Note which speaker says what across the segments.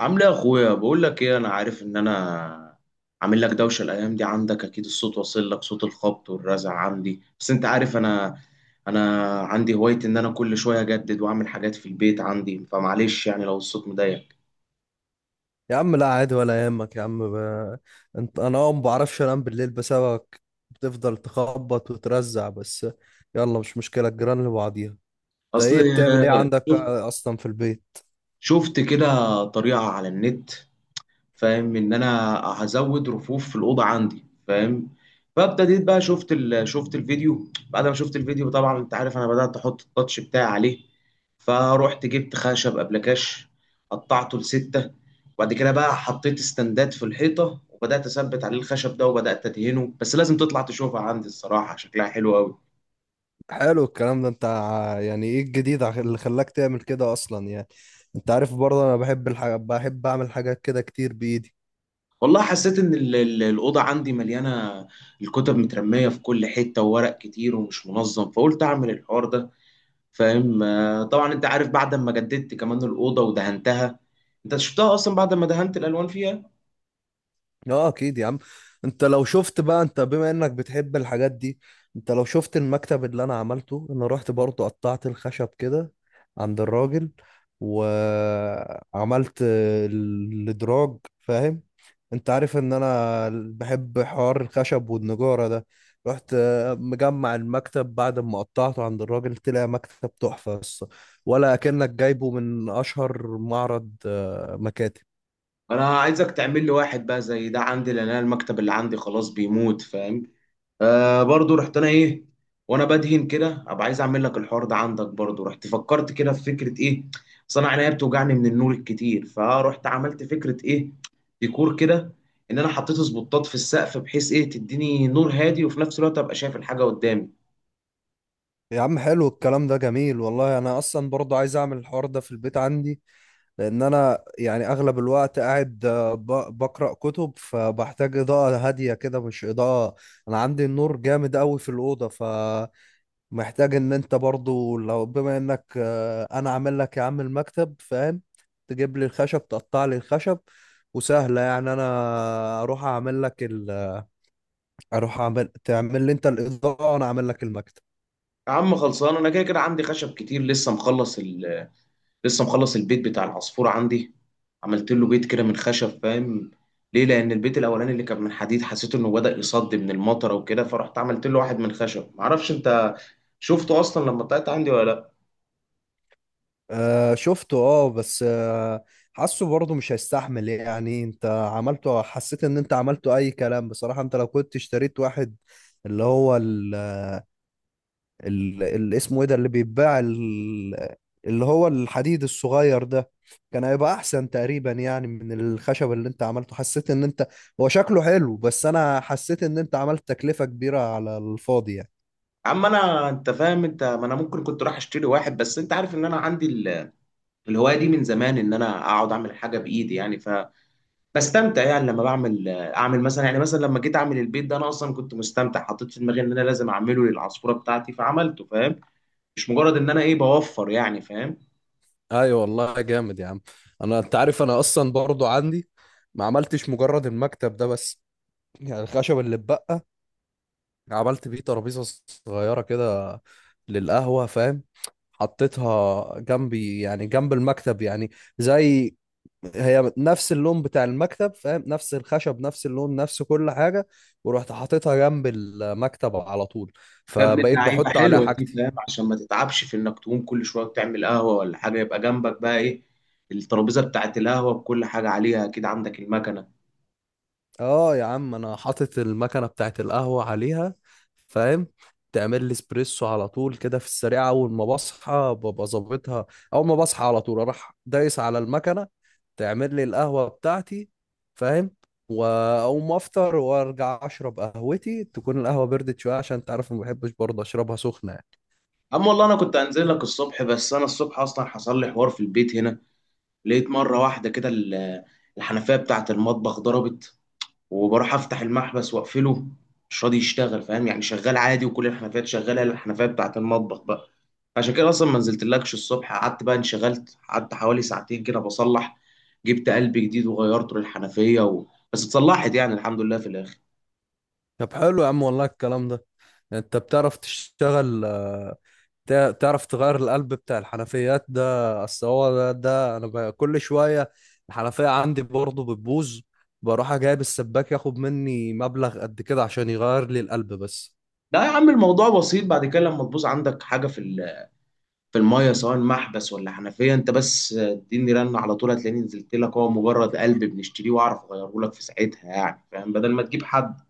Speaker 1: عامل ايه يا اخويا؟ بقول لك ايه، انا عارف ان انا عامل لك دوشه الايام دي. عندك اكيد الصوت واصل لك، صوت الخبط والرزع عندي، بس انت عارف انا عندي هوايه ان انا كل شويه اجدد واعمل حاجات في البيت عندي، فمعلش يعني لو الصوت مضايق.
Speaker 2: يا عم لا عادي ولا يهمك يا عم انت انا اه ما بعرفش انام بالليل بسببك. بتفضل تخبط وترزع بس. يلا مش مشكلة الجيران اللي بعضيها. انت
Speaker 1: اصل
Speaker 2: ايه بتعمل ايه عندك
Speaker 1: شفت
Speaker 2: اصلا في البيت؟
Speaker 1: شفت كده طريقه على النت، فاهم ان انا هزود رفوف في الاوضه عندي، فاهم؟ فابتديت بقى، شفت الفيديو. بعد ما شفت الفيديو طبعا انت عارف انا بدات احط التاتش بتاعي عليه، فروحت جبت خشب ابلكاش، قطعته لستة، وبعد كده بقى حطيت استندات في الحيطه وبدات اثبت عليه الخشب ده وبدات ادهنه. بس لازم تطلع تشوفها عندي، الصراحه شكلها حلو قوي.
Speaker 2: حلو الكلام ده. انت يعني ايه الجديد اللي خلاك تعمل كده اصلا يعني؟ انت عارف برضه انا بحب الحاجة، بحب اعمل حاجات كده كتير بايدي.
Speaker 1: والله حسيت ان الاوضه عندي مليانه، الكتب مترميه في كل حته وورق كتير ومش منظم، فقلت اعمل الحوار ده. فاهم؟ طبعا انت عارف بعد ما جددت كمان الاوضه ودهنتها، انت شفتها اصلا بعد ما دهنت الالوان فيها.
Speaker 2: اه اكيد يا عم. انت لو شفت بقى، انت بما انك بتحب الحاجات دي، انت لو شفت المكتب اللي انا عملته، انا رحت برضو قطعت الخشب كده عند الراجل، وعملت الادراج فاهم. انت عارف ان انا بحب حوار الخشب والنجارة ده. رحت مجمع المكتب بعد ما قطعته عند الراجل، طلع مكتب تحفة بس، ولا كأنك جايبه من اشهر معرض مكاتب.
Speaker 1: انا عايزك تعمل لي واحد بقى زي ده عندي، لان انا المكتب اللي عندي خلاص بيموت، فاهم؟ آه برضو، رحت انا ايه وانا بدهن كده، ابقى عايز اعمل لك الحوار ده عندك برضو. رحت فكرت كده في فكره ايه، اصل انا عينيا بتوجعني من النور الكتير، فرحت عملت فكره ايه، ديكور كده. ان انا حطيت سبوتات في السقف، بحيث ايه، تديني نور هادي وفي نفس الوقت ابقى شايف الحاجه قدامي.
Speaker 2: يا عم حلو الكلام ده، جميل والله. انا اصلا برضه عايز اعمل الحوار ده في البيت عندي، لان انا يعني اغلب الوقت قاعد بقرا كتب، فبحتاج اضاءه هاديه كده مش اضاءه. انا عندي النور جامد قوي في الاوضه فمحتاج. ان انت برضه لو بما انك، انا عامل لك يا عم المكتب فاهم، تجيب لي الخشب، تقطع لي الخشب، وسهله يعني. انا اروح اعمل لك ال... اروح تعمل لي انت الاضاءه، وانا اعمل لك المكتب.
Speaker 1: يا عم خلصان، انا كده كده عندي خشب كتير، لسه مخلص البيت بتاع العصفور عندي. عملت له بيت كده من خشب، فاهم؟ ليه؟ لان البيت الاولاني اللي كان من حديد حسيت انه بدأ يصد من المطره وكده، فرحت عملت له واحد من خشب. معرفش انت شفته اصلا لما طلعت عندي ولا لا.
Speaker 2: آه شفته اه، بس حاسه برضه مش هيستحمل يعني. انت عملته، حسيت ان انت عملته اي كلام بصراحة. انت لو كنت اشتريت واحد، اللي هو اسمه ايه ده اللي بيتباع اللي هو الحديد الصغير ده، كان هيبقى احسن تقريبا يعني من الخشب اللي انت عملته. حسيت ان انت، هو شكله حلو، بس انا حسيت ان انت عملت تكلفة كبيرة على الفاضي يعني.
Speaker 1: يا عم انا انت فاهم، انت ما انا ممكن كنت رايح اشتري واحد، بس انت عارف ان انا عندي الهوايه دي من زمان، ان انا اقعد اعمل حاجه بايدي يعني. بستمتع يعني لما بعمل، اعمل مثلا يعني، مثلا لما جيت اعمل البيت ده انا اصلا كنت مستمتع. حطيت في دماغي ان انا لازم اعمله للعصفوره بتاعتي، فعملته فاهم؟ مش مجرد ان انا ايه، بوفر يعني، فاهم؟
Speaker 2: ايوه والله جامد يا عم. انا انت عارف انا اصلا برضو عندي، ما عملتش مجرد المكتب ده بس. يعني الخشب اللي اتبقى، عملت بيه ترابيزه صغيره كده للقهوه فاهم. حطيتها جنبي، يعني جنب المكتب يعني. زي، هي نفس اللون بتاع المكتب فاهم، نفس الخشب، نفس اللون، نفس كل حاجه. ورحت حاططها جنب المكتب على طول،
Speaker 1: يا ابن
Speaker 2: فبقيت
Speaker 1: اللعيبه،
Speaker 2: بحط عليها
Speaker 1: حلوه دي،
Speaker 2: حاجتي.
Speaker 1: فاهم؟ عشان ما تتعبش في انك تقوم كل شويه تعمل قهوه ولا حاجه، يبقى جنبك بقى ايه، الترابيزه بتاعت القهوه بكل حاجه عليها. اكيد عندك المكنه.
Speaker 2: اه يا عم، انا حاطط المكنه بتاعت القهوه عليها فاهم. تعمل لي اسبريسو على طول كده في السريع. اول ما بصحى ببقى ظابطها، اول ما بصحى على طول اروح دايس على المكنه، تعمل لي القهوه بتاعتي فاهم. واقوم افطر وارجع اشرب قهوتي، تكون القهوه بردت شويه، عشان تعرف ما بحبش برضه اشربها سخنه يعني.
Speaker 1: اما والله انا كنت انزل لك الصبح، بس انا الصبح اصلا حصل لي حوار في البيت هنا. لقيت مره واحده كده الحنفيه بتاعت المطبخ ضربت. وبروح افتح المحبس واقفله مش راضي يشتغل، فاهم يعني؟ شغال عادي وكل الحنفيات شغاله إلا الحنفيه بتاعت المطبخ بقى. عشان كده اصلا ما نزلتلكش الصبح، قعدت بقى انشغلت، قعدت حوالي ساعتين كده بصلح، جبت قلب جديد وغيرته للحنفيه. بس اتصلحت يعني، الحمد لله في الاخر.
Speaker 2: طب حلو يا عم والله الكلام ده. يعني انت بتعرف تشتغل، تعرف تغير القلب بتاع الحنفيات ده؟ اصل هو ده، كل شويه الحنفيه عندي برضه بتبوظ، بروح جايب السباك ياخد مني مبلغ قد كده عشان يغير لي القلب بس.
Speaker 1: لا يا عم الموضوع بسيط. بعد كده لما تبوظ عندك حاجه في في الميه، سواء محبس ولا حنفيه، انت بس اديني رن على طول هتلاقيني نزلت لك. هو مجرد قلب بنشتريه، واعرف اغيره لك في ساعتها يعني، فاهم؟ بدل ما تجيب حد.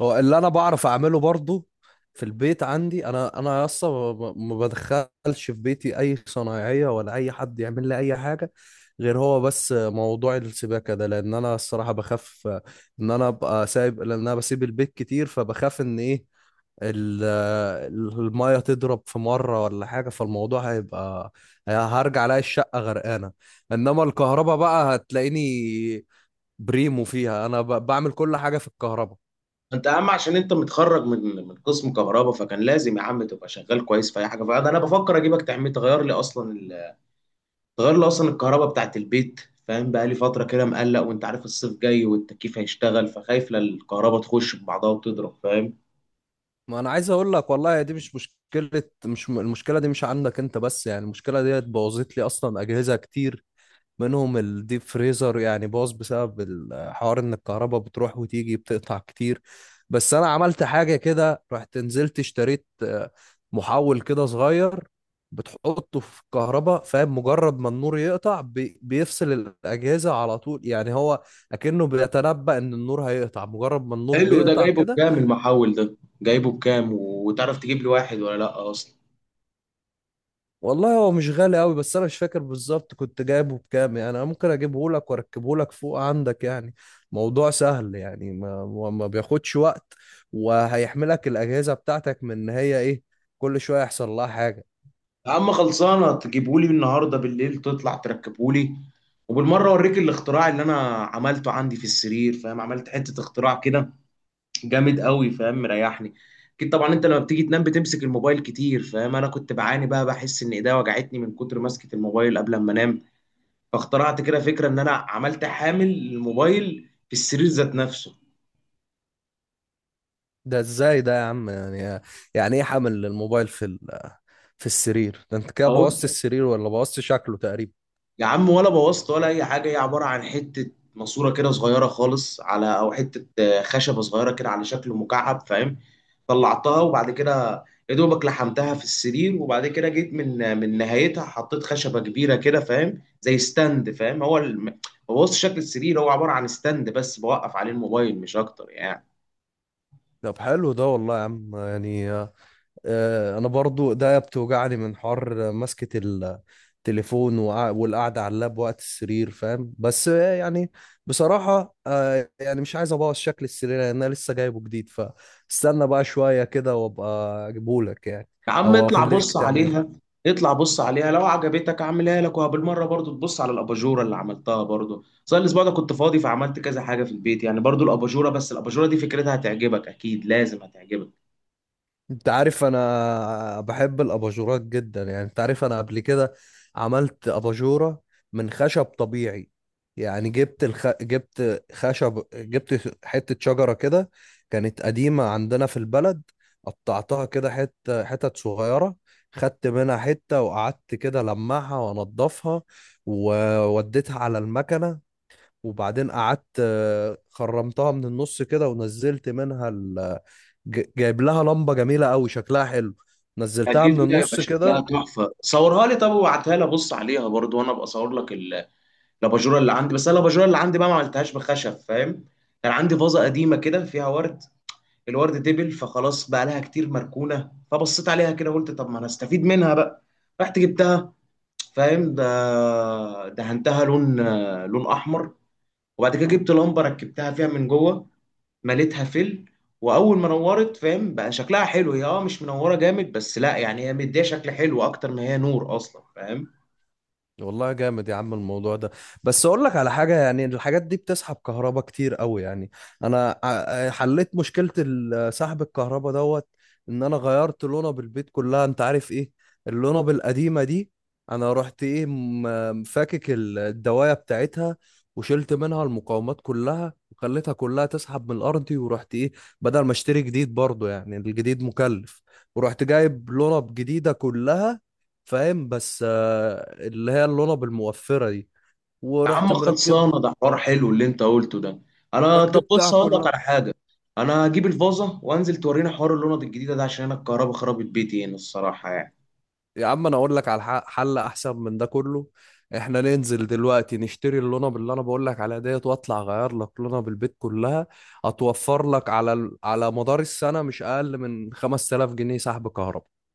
Speaker 2: هو اللي انا بعرف اعمله برضه في البيت عندي. انا اصلا ما بدخلش في بيتي اي صنايعيه ولا اي حد يعمل لي اي حاجه، غير هو بس موضوع السباكه ده، لان انا الصراحه بخاف ان انا ابقى سايب، لان انا بسيب البيت كتير، فبخاف ان ايه، ال- المية تضرب في مرة ولا حاجة، فالموضوع هيبقى، هرجع الاقي الشقة غرقانة. انما الكهرباء بقى هتلاقيني بريمو فيها. بعمل كل حاجة في الكهرباء.
Speaker 1: انت يا عم عشان انت متخرج من قسم كهرباء، فكان لازم يا عم تبقى شغال كويس في اي حاجه. فانا بفكر اجيبك تعمل، تغير لي اصلا تغير لي اصلا الكهرباء بتاعت البيت. فاهم بقى لي فتره كده مقلق، وانت عارف الصيف جاي والتكييف هيشتغل، فخايف لا الكهرباء تخش ببعضها وتضرب، فاهم؟
Speaker 2: ما انا عايز اقول لك والله، دي مش مشكلة، مش م- المشكلة دي مش عندك انت بس يعني. المشكلة دي بوظت لي اصلا اجهزة كتير، منهم الديب فريزر يعني باظ بسبب الحوار ان الكهرباء بتروح وتيجي، بتقطع كتير. بس انا عملت حاجة كده، رحت نزلت اشتريت محول كده صغير، بتحطه في الكهرباء فاهم. مجرد ما النور يقطع بيفصل الأجهزة على طول يعني. هو أكنه بيتنبأ إن النور هيقطع، مجرد ما النور
Speaker 1: حلو ده.
Speaker 2: بيقطع
Speaker 1: جايبه
Speaker 2: كده.
Speaker 1: بكام المحول ده؟ جايبه بكام وتعرف تجيب لي واحد ولا لا اصلا؟
Speaker 2: والله هو مش غالي قوي، بس انا مش فاكر بالظبط كنت جايبه بكام يعني. انا ممكن اجيبه لك واركبه لك فوق عندك يعني، موضوع سهل يعني، ما بياخدش وقت. وهيحملك الاجهزه بتاعتك من ان هي ايه، كل شويه يحصل لها حاجه.
Speaker 1: يا عم خلصانه، تجيبه لي النهارده بالليل، تطلع تركبه لي. وبالمره اوريك الاختراع اللي انا عملته عندي في السرير، فاهم؟ عملت حته اختراع كده جامد قوي، فاهم؟ مريحني. اكيد طبعا انت لما بتيجي تنام بتمسك الموبايل كتير، فاهم؟ انا كنت بعاني بقى، بحس ان ايديا وجعتني من كتر مسكة الموبايل قبل ما انام. فاخترعت كده فكرة، ان انا عملت حامل للموبايل في السرير ذات نفسه.
Speaker 2: ده ازاي ده يا عم يعني؟ يعني ايه حمل الموبايل في السرير ده؟ انت كده بوظت
Speaker 1: اقول
Speaker 2: السرير، ولا بوظت شكله تقريبا؟
Speaker 1: يا عم، ولا بوظت ولا اي حاجه. هي عباره عن حته ماسوره كده صغيره خالص، على او حته خشبه صغيره كده على شكل مكعب، فاهم؟ طلعتها، وبعد كده يا دوبك لحمتها في السرير، وبعد كده جيت من من نهايتها حطيت خشبه كبيره كده، فاهم؟ زي ستاند، فاهم؟ بوظت شكل السرير، هو عباره عن ستاند بس بوقف عليه الموبايل مش اكتر يعني.
Speaker 2: طب حلو ده والله يا عم يعني. انا برضو ده بتوجعني من حر مسكة التليفون والقعدة على اللاب وقت السرير فاهم. بس يعني بصراحة يعني مش عايز ابوظ شكل السرير، لان انا لسه جايبه جديد، فاستنى بقى شوية كده وابقى اجيبهولك يعني.
Speaker 1: يا عم
Speaker 2: او
Speaker 1: اطلع
Speaker 2: اخليك
Speaker 1: بص
Speaker 2: تعمل.
Speaker 1: عليها. اطلع بص عليها، لو عجبتك اعملها لك. وبالمره برضو تبص على الاباجوره اللي عملتها برضو. صار الاسبوع ده كنت فاضي، فعملت كذا حاجه في البيت يعني، برضو الاباجوره. بس الاباجوره دي فكرتها هتعجبك، اكيد لازم هتعجبك.
Speaker 2: انت عارف انا بحب الاباجورات جدا يعني. انت عارف انا قبل كده عملت اباجورة من خشب طبيعي يعني. جبت خشب، جبت حتة شجرة كده كانت قديمة عندنا في البلد. قطعتها كده حتة حتت صغيرة، خدت منها حتة، وقعدت كده لمعها وانضفها، ووديتها على المكنة. وبعدين قعدت خرمتها من النص كده ونزلت منها. جايب لها لمبه جميله قوي، شكلها حلو. نزلتها
Speaker 1: اكيد
Speaker 2: من
Speaker 1: دي هيبقى
Speaker 2: النص
Speaker 1: شكلها
Speaker 2: كده.
Speaker 1: تحفه، صورها لي طب وابعتها لي ابص عليها برضو، وانا ابقى اصور لك الاباجوره اللي عندي. بس انا الاباجوره اللي عندي بقى ما عملتهاش بخشب، فاهم؟ كان عندي فازه قديمه كده فيها ورد، الورد دبل فخلاص بقى لها كتير مركونه، فبصيت عليها كده قلت طب ما انا استفيد منها بقى. رحت جبتها، فاهم؟ ده دهنتها لون احمر، وبعد كده جبت لمبه ركبتها فيها من جوه، مليتها فل. واول ما نورت، فاهم، بقى شكلها حلو. هي اه مش منوره جامد، بس لا يعني هي مديه شكل حلو اكتر ما هي نور اصلا، فاهم؟
Speaker 2: والله جامد يا عم الموضوع ده. بس اقول لك على حاجه، يعني الحاجات دي بتسحب كهرباء كتير قوي يعني. انا حليت مشكله سحب الكهرباء دوت. ان انا غيرت لونا البيت كلها. انت عارف ايه اللونا القديمه دي؟ انا رحت ايه، فاكك الدوايه بتاعتها، وشلت منها المقاومات كلها، وخليتها كلها تسحب من الارض. ورحت ايه، بدل ما اشتري جديد برضو، يعني الجديد مكلف، ورحت جايب لونا جديده كلها فاهم، بس اللي هي اللولب الموفرة دي،
Speaker 1: يا
Speaker 2: ورحت
Speaker 1: عم
Speaker 2: مركبها،
Speaker 1: خلصانه، ده حوار حلو اللي انت قلته ده. انا طب
Speaker 2: ركبتها
Speaker 1: بص هقول لك
Speaker 2: كلها.
Speaker 1: على حاجه، انا هجيب الفازه وانزل تورينا حوار اللوند الجديده ده، عشان انا الكهرباء خربت بيتي هنا الصراحه يعني.
Speaker 2: يا عم انا اقول لك على حل احسن من ده كله. احنا ننزل دلوقتي نشتري اللونة اللي انا بقول لك عليها ديت، واطلع اغير لك لونة بالبيت كلها. هتوفر لك على على مدار السنة مش اقل من 5000 جنيه سحب كهرباء.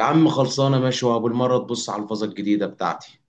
Speaker 1: يا عم خلصانه ماشي، وابو المره تبص على الفازه الجديده بتاعتي.